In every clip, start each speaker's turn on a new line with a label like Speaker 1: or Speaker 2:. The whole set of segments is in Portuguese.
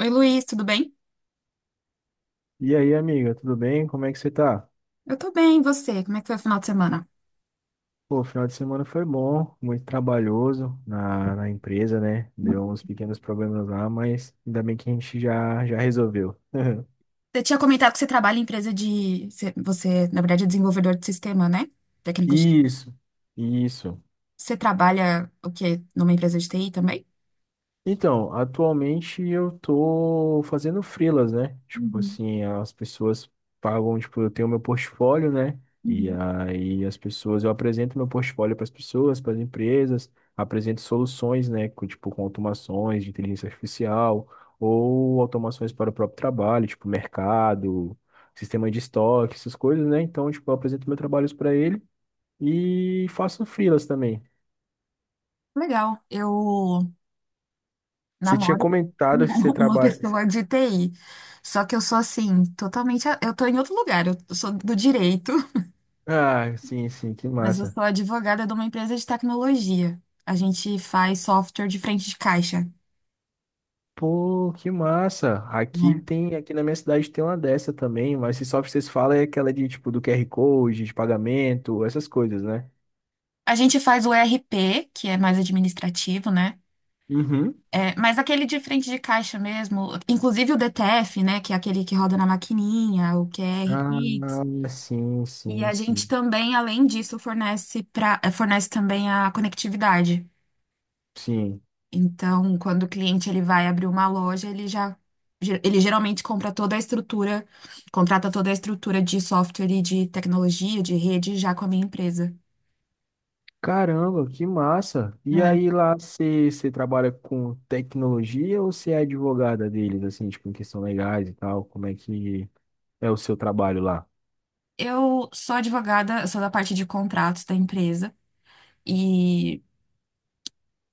Speaker 1: Oi, Luiz, tudo bem?
Speaker 2: E aí, amiga, tudo bem? Como é que você tá?
Speaker 1: Eu tô bem, e você? Como é que foi o final de semana?
Speaker 2: Pô, o final de semana foi bom, muito trabalhoso na empresa, né? Deu uns pequenos problemas lá, mas ainda bem que a gente já resolveu.
Speaker 1: Você tinha comentado que você trabalha em empresa de. Você, na verdade, é desenvolvedor de sistema, né? Técnico de.
Speaker 2: Isso, isso.
Speaker 1: Você trabalha o quê? Numa empresa de TI também?
Speaker 2: Então, atualmente eu tô fazendo freelas, né? Tipo
Speaker 1: Uhum,
Speaker 2: assim, as pessoas pagam, tipo, eu tenho meu portfólio, né? E
Speaker 1: uhum.
Speaker 2: aí as pessoas, eu apresento meu portfólio para as pessoas, para as empresas, apresento soluções, né? Com, tipo, com automações de inteligência artificial ou automações para o próprio trabalho, tipo mercado, sistema de estoque, essas coisas, né? Então, tipo, eu apresento meus trabalhos para ele e faço freelas também.
Speaker 1: Legal. Eu
Speaker 2: Você tinha
Speaker 1: namoro
Speaker 2: comentado que você
Speaker 1: uma
Speaker 2: trabalha.
Speaker 1: pessoa de TI. Só que eu sou assim, totalmente. Eu tô em outro lugar. Eu sou do direito,
Speaker 2: Ah, sim, sim, que
Speaker 1: mas eu
Speaker 2: massa.
Speaker 1: sou advogada de uma empresa de tecnologia. A gente faz software de frente de caixa,
Speaker 2: Pô, que massa. Aqui
Speaker 1: né?
Speaker 2: tem, aqui na minha cidade tem uma dessa também, mas se só vocês falam é aquela de tipo do QR Code, de pagamento, essas coisas, né?
Speaker 1: A gente faz o ERP, que é mais administrativo, né?
Speaker 2: Uhum.
Speaker 1: É, mas aquele de frente de caixa mesmo, inclusive o DTF, né? Que é aquele que roda na maquininha, o QR
Speaker 2: Ah,
Speaker 1: Pix.
Speaker 2: sim,
Speaker 1: E
Speaker 2: sim,
Speaker 1: a gente
Speaker 2: sim.
Speaker 1: também, além disso, fornece, pra, fornece também a conectividade.
Speaker 2: Sim.
Speaker 1: Então, quando o cliente ele vai abrir uma loja, ele já ele geralmente compra toda a estrutura, contrata toda a estrutura de software e de tecnologia, de rede, já com a minha empresa,
Speaker 2: Caramba, que massa. E
Speaker 1: né?
Speaker 2: aí lá você trabalha com tecnologia ou você é advogada deles, assim, tipo, em questão legais e tal? Como é que é o seu trabalho lá?
Speaker 1: Eu sou advogada, eu sou da parte de contratos da empresa. E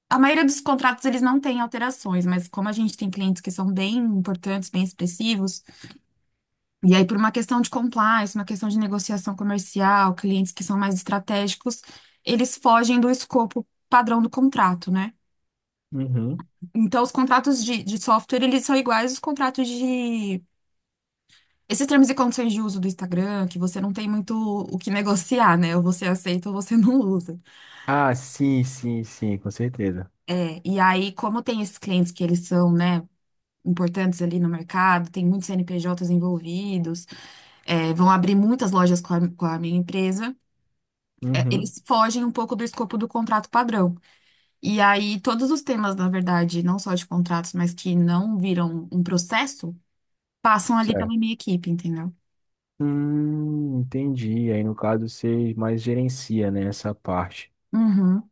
Speaker 1: a maioria dos contratos eles não têm alterações, mas como a gente tem clientes que são bem importantes, bem expressivos, e aí por uma questão de compliance, uma questão de negociação comercial, clientes que são mais estratégicos, eles fogem do escopo padrão do contrato, né?
Speaker 2: Uhum.
Speaker 1: Então os contratos de software eles são iguais aos contratos de esses termos e condições de uso do Instagram, que você não tem muito o que negociar, né? Ou você aceita ou você não usa.
Speaker 2: Ah, sim, sim, sim, com certeza.
Speaker 1: É, e aí, como tem esses clientes que eles são, né, importantes ali no mercado, tem muitos CNPJs envolvidos, é, vão abrir muitas lojas com a minha empresa, é,
Speaker 2: Uhum.
Speaker 1: eles fogem um pouco do escopo do contrato padrão. E aí, todos os temas, na verdade, não só de contratos, mas que não viram um processo, passam ali pela
Speaker 2: Certo.
Speaker 1: minha equipe, entendeu?
Speaker 2: Entendi. Aí no caso você mais gerencia, né, essa parte.
Speaker 1: Uhum.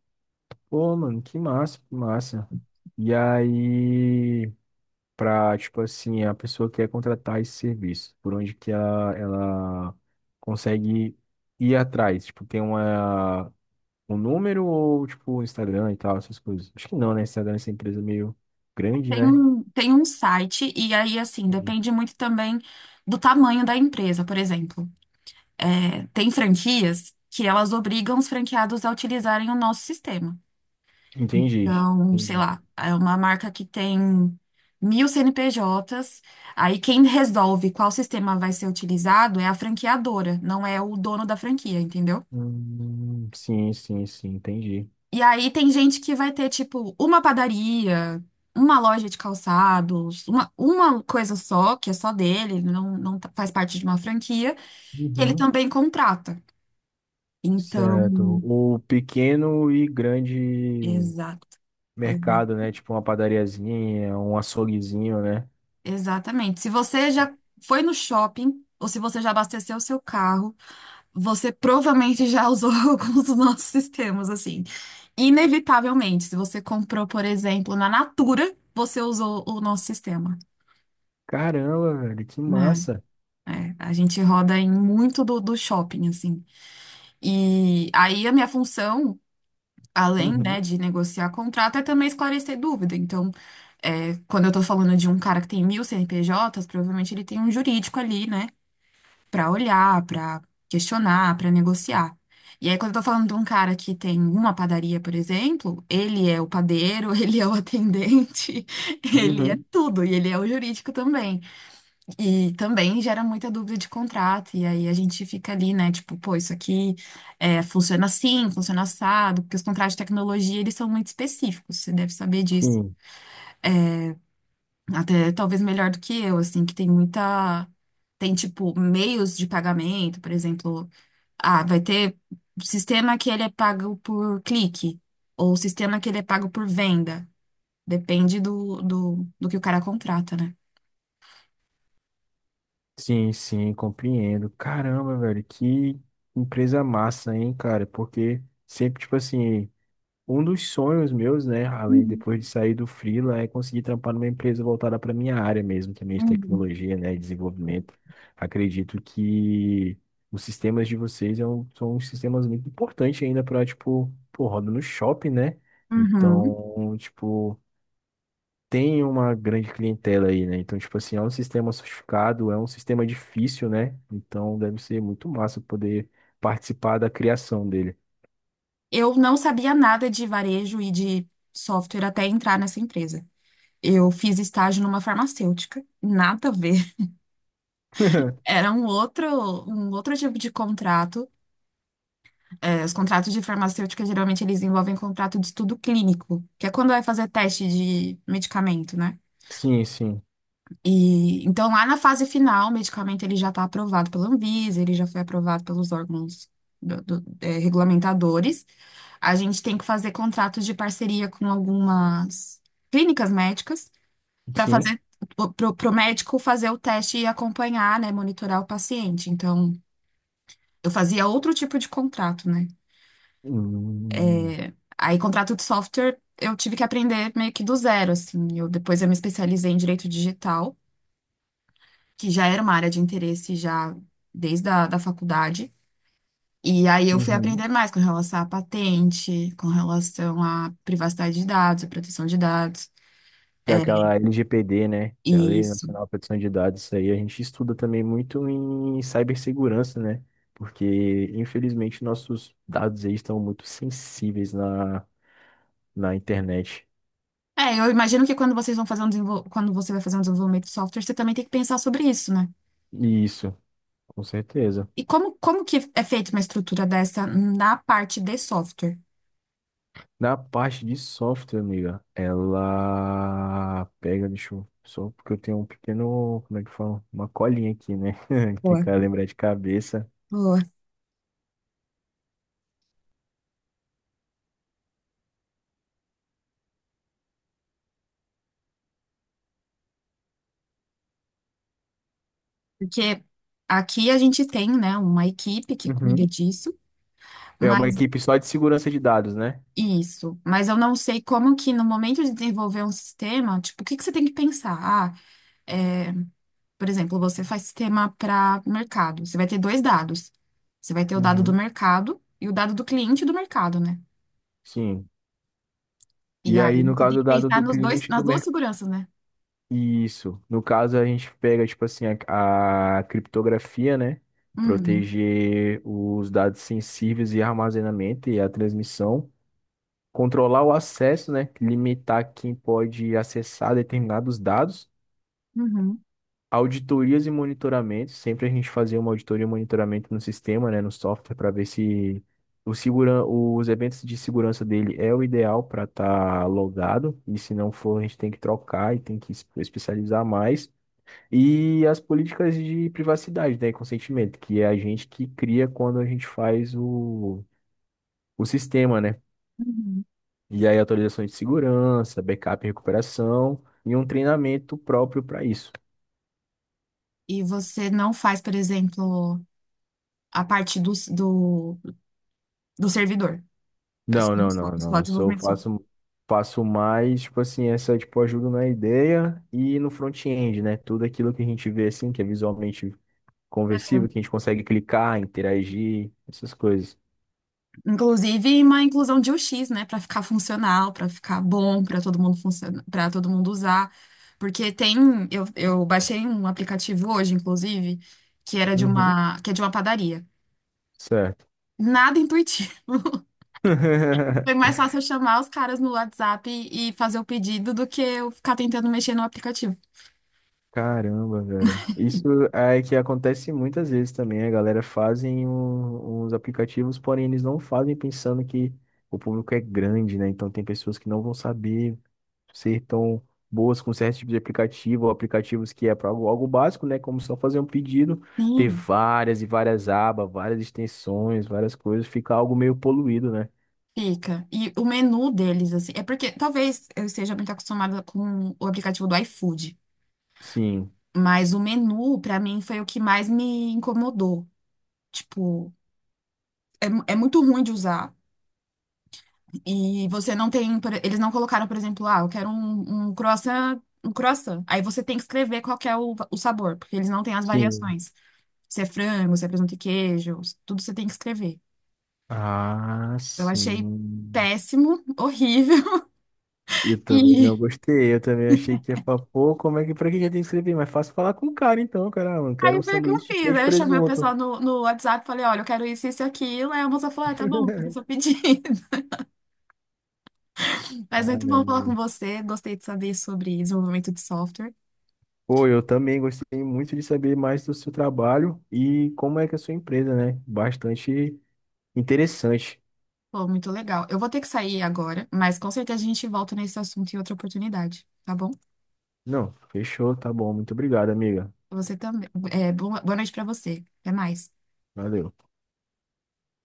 Speaker 2: Pô, mano, que massa, que massa. E aí, pra, tipo assim, a pessoa quer contratar esse serviço, por onde que ela consegue ir atrás? Tipo, tem uma, um número ou, tipo, um Instagram e tal, essas coisas? Acho que não, né? Instagram é essa empresa meio grande,
Speaker 1: Tem
Speaker 2: né?
Speaker 1: um, tem um site, e aí, assim,
Speaker 2: Sim.
Speaker 1: depende muito também do tamanho da empresa, por exemplo. É, tem franquias que elas obrigam os franqueados a utilizarem o nosso sistema.
Speaker 2: Entendi.
Speaker 1: Então, sei
Speaker 2: Entendi.
Speaker 1: lá, é uma marca que tem mil CNPJs. Aí quem resolve qual sistema vai ser utilizado é a franqueadora, não é o dono da franquia, entendeu?
Speaker 2: Sim, sim, sim, entendi.
Speaker 1: E aí tem gente que vai ter, tipo, uma padaria, uma loja de calçados, uma coisa só, que é só dele, ele não, não tá- faz parte de uma franquia, que ele
Speaker 2: Uhum.
Speaker 1: também contrata. Então,
Speaker 2: Certo. O pequeno e grande
Speaker 1: exato,
Speaker 2: mercado,
Speaker 1: exato.
Speaker 2: né? Tipo uma padariazinha, um açouguezinho, né?
Speaker 1: Exatamente. Se você já foi no shopping, ou se você já abasteceu o seu carro, você provavelmente já usou alguns dos nossos sistemas, assim. Inevitavelmente, se você comprou, por exemplo, na Natura, você usou o nosso sistema,
Speaker 2: Caramba, velho, que
Speaker 1: né?
Speaker 2: massa.
Speaker 1: É, a gente roda em muito do shopping, assim. E aí a minha função, além, né,
Speaker 2: Uhum,
Speaker 1: de negociar contrato, é também esclarecer dúvida. Então, é, quando eu tô falando de um cara que tem mil CNPJs, provavelmente ele tem um jurídico ali, né? Para olhar, para questionar, para negociar. E aí, quando eu tô falando de um cara que tem uma padaria, por exemplo, ele é o padeiro, ele é o atendente, ele é
Speaker 2: uhum.
Speaker 1: tudo, e ele é o jurídico também. E também gera muita dúvida de contrato, e aí a gente fica ali, né, tipo, pô, isso aqui é, funciona assim, funciona assado, porque os contratos de tecnologia, eles são muito específicos, você deve saber disso.
Speaker 2: Sim,
Speaker 1: Até talvez melhor do que eu, assim, que tem muita. Tem, tipo, meios de pagamento, por exemplo. Ah, vai ter sistema que ele é pago por clique, ou sistema que ele é pago por venda. Depende do que o cara contrata, né?
Speaker 2: sim, sim, compreendo. Caramba, velho, que empresa massa, hein, cara? Porque sempre, tipo assim. Um dos sonhos meus, né, além
Speaker 1: Uhum,
Speaker 2: depois de sair do freela, é conseguir trampar numa empresa voltada para minha área mesmo, também de
Speaker 1: uhum.
Speaker 2: tecnologia, né, e desenvolvimento. Acredito que os sistemas de vocês é um- são uns sistemas muito importantes ainda para, tipo, pô, roda no shopping, né?
Speaker 1: Uhum.
Speaker 2: Então, tipo, tem uma grande clientela aí, né? Então, tipo assim, é um sistema sofisticado, é um sistema difícil, né? Então, deve ser muito massa poder participar da criação dele.
Speaker 1: Eu não sabia nada de varejo e de software até entrar nessa empresa. Eu fiz estágio numa farmacêutica, nada a ver. Era um outro tipo de contrato. É, os contratos de farmacêutica, geralmente, eles envolvem contrato de estudo clínico, que é quando vai fazer teste de medicamento, né?
Speaker 2: Sim, sim,
Speaker 1: E, então, lá na fase final, o medicamento ele já está aprovado pela Anvisa, ele já foi aprovado pelos órgãos regulamentadores. A gente tem que fazer contratos de parceria com algumas clínicas médicas para
Speaker 2: sim.
Speaker 1: fazer para o médico fazer o teste e acompanhar, né, monitorar o paciente. Então, eu fazia outro tipo de contrato, né?
Speaker 2: Hum,
Speaker 1: Aí, contrato de software, eu tive que aprender meio que do zero, assim. Eu, depois eu me especializei em direito digital, que já era uma área de interesse já desde a da faculdade. E aí eu fui
Speaker 2: uhum.
Speaker 1: aprender mais com relação à patente, com relação à privacidade de dados, à proteção de dados.
Speaker 2: Que
Speaker 1: É,
Speaker 2: é aquela LGPD, né? Que é a Lei
Speaker 1: isso.
Speaker 2: Nacional de Proteção de Dados, isso aí a gente estuda também muito em cibersegurança, né? Porque, infelizmente, nossos dados aí estão muito sensíveis na, na internet.
Speaker 1: É, eu imagino que quando você vai fazer um desenvolvimento de software, você também tem que pensar sobre isso, né?
Speaker 2: Isso, com certeza.
Speaker 1: E como que é feita uma estrutura dessa na parte de software?
Speaker 2: Na parte de software, amiga, ela pega, deixa eu, só porque eu tenho um pequeno, como é que fala? Uma colinha aqui, né? Que
Speaker 1: Boa.
Speaker 2: cara lembrar de cabeça.
Speaker 1: Boa. Porque aqui a gente tem, né, uma equipe que cuida
Speaker 2: Uhum.
Speaker 1: disso,
Speaker 2: É uma
Speaker 1: mas
Speaker 2: equipe só de segurança de dados, né?
Speaker 1: isso. Mas eu não sei como que no momento de desenvolver um sistema, tipo, o que que você tem que pensar? Ah, é, por exemplo, você faz sistema para mercado. Você vai ter dois dados. Você vai ter o dado do
Speaker 2: Uhum.
Speaker 1: mercado e o dado do cliente do mercado, né?
Speaker 2: Sim,
Speaker 1: E
Speaker 2: e aí,
Speaker 1: aí
Speaker 2: no
Speaker 1: você tem
Speaker 2: caso
Speaker 1: que
Speaker 2: dado
Speaker 1: pensar
Speaker 2: do
Speaker 1: nos dois,
Speaker 2: cliente
Speaker 1: nas
Speaker 2: do
Speaker 1: duas
Speaker 2: mercado.
Speaker 1: seguranças, né?
Speaker 2: Isso. No caso, a gente pega, tipo assim, a criptografia, né?
Speaker 1: Uhum,
Speaker 2: Proteger os dados sensíveis e armazenamento e a transmissão. Controlar o acesso, né? Limitar quem pode acessar determinados dados.
Speaker 1: uhum,
Speaker 2: Auditorias e monitoramentos, sempre a gente fazia uma auditoria e monitoramento no sistema, né, no software, para ver se o segura... os eventos de segurança dele é o ideal para estar logado, e se não for, a gente tem que trocar e tem que es- especializar mais. E as políticas de privacidade, né, e consentimento, que é a gente que cria quando a gente faz o sistema, né?
Speaker 1: uhum.
Speaker 2: E aí atualizações de segurança, backup e recuperação, e um treinamento próprio para isso.
Speaker 1: E você não faz, por exemplo, a parte do servidor.
Speaker 2: Não,
Speaker 1: Assim,
Speaker 2: não, não,
Speaker 1: Só
Speaker 2: não.
Speaker 1: só
Speaker 2: Eu só
Speaker 1: desenvolvimento.
Speaker 2: faço, faço mais, tipo assim, essa, tipo, ajuda na ideia e no front-end, né? Tudo aquilo que a gente vê, assim, que é visualmente conversível, que a gente consegue clicar, interagir, essas coisas.
Speaker 1: Inclusive uma inclusão de UX, né, para ficar funcional, para ficar bom, para todo mundo funcionar, para todo mundo usar. Porque tem, eu baixei um aplicativo hoje, inclusive, que era de
Speaker 2: Uhum.
Speaker 1: uma, que é de uma padaria.
Speaker 2: Certo.
Speaker 1: Nada intuitivo. Foi mais fácil eu chamar os caras no WhatsApp e fazer o pedido do que eu ficar tentando mexer no aplicativo.
Speaker 2: Caramba, velho. Isso é que acontece muitas vezes também. A galera fazem um- uns aplicativos, porém eles não fazem pensando que o público é grande, né? Então tem pessoas que não vão saber ser tão boas com certo tipo de aplicativo, ou aplicativos que é para algo, algo básico, né? Como só fazer um pedido, ter
Speaker 1: Sim,
Speaker 2: várias e várias abas, várias extensões, várias coisas, fica algo meio poluído, né?
Speaker 1: fica. E o menu deles, assim, é porque talvez eu esteja muito acostumada com o aplicativo do iFood,
Speaker 2: Sim,
Speaker 1: mas o menu, pra mim, foi o que mais me incomodou. Tipo, é, é muito ruim de usar. E você não tem. Eles não colocaram, por exemplo, ah, eu quero um croissant, um croissant. Aí você tem que escrever qual que é o sabor, porque eles não têm as
Speaker 2: sim.
Speaker 1: variações. Se é frango, se é presunto e queijo, tudo você tem que escrever.
Speaker 2: Ah,
Speaker 1: Eu achei
Speaker 2: sim.
Speaker 1: péssimo, horrível.
Speaker 2: Eu também não
Speaker 1: E
Speaker 2: gostei, eu também achei que ia falar, pô, como é que, pra que já tem que escrever? Mas fácil falar com o cara então, caramba, eu quero um
Speaker 1: aí foi o que eu
Speaker 2: sanduíche de
Speaker 1: fiz.
Speaker 2: queijo
Speaker 1: Aí
Speaker 2: e
Speaker 1: eu chamei o
Speaker 2: presunto.
Speaker 1: pessoal no WhatsApp e falei, olha, eu quero isso, isso e aquilo. Aí a moça falou, ah, tá bom, faça o seu pedido. Mas muito
Speaker 2: Caramba.
Speaker 1: bom falar com você. Gostei de saber sobre desenvolvimento de software.
Speaker 2: Pô, eu também gostei muito de saber mais do seu trabalho e como é que é a sua empresa, né? Bastante interessante.
Speaker 1: Pô, muito legal. Eu vou ter que sair agora, mas com certeza a gente volta nesse assunto em outra oportunidade, tá bom?
Speaker 2: Não, fechou, tá bom. Muito obrigado, amiga.
Speaker 1: Você também. É, boa noite pra você. Até mais.
Speaker 2: Valeu.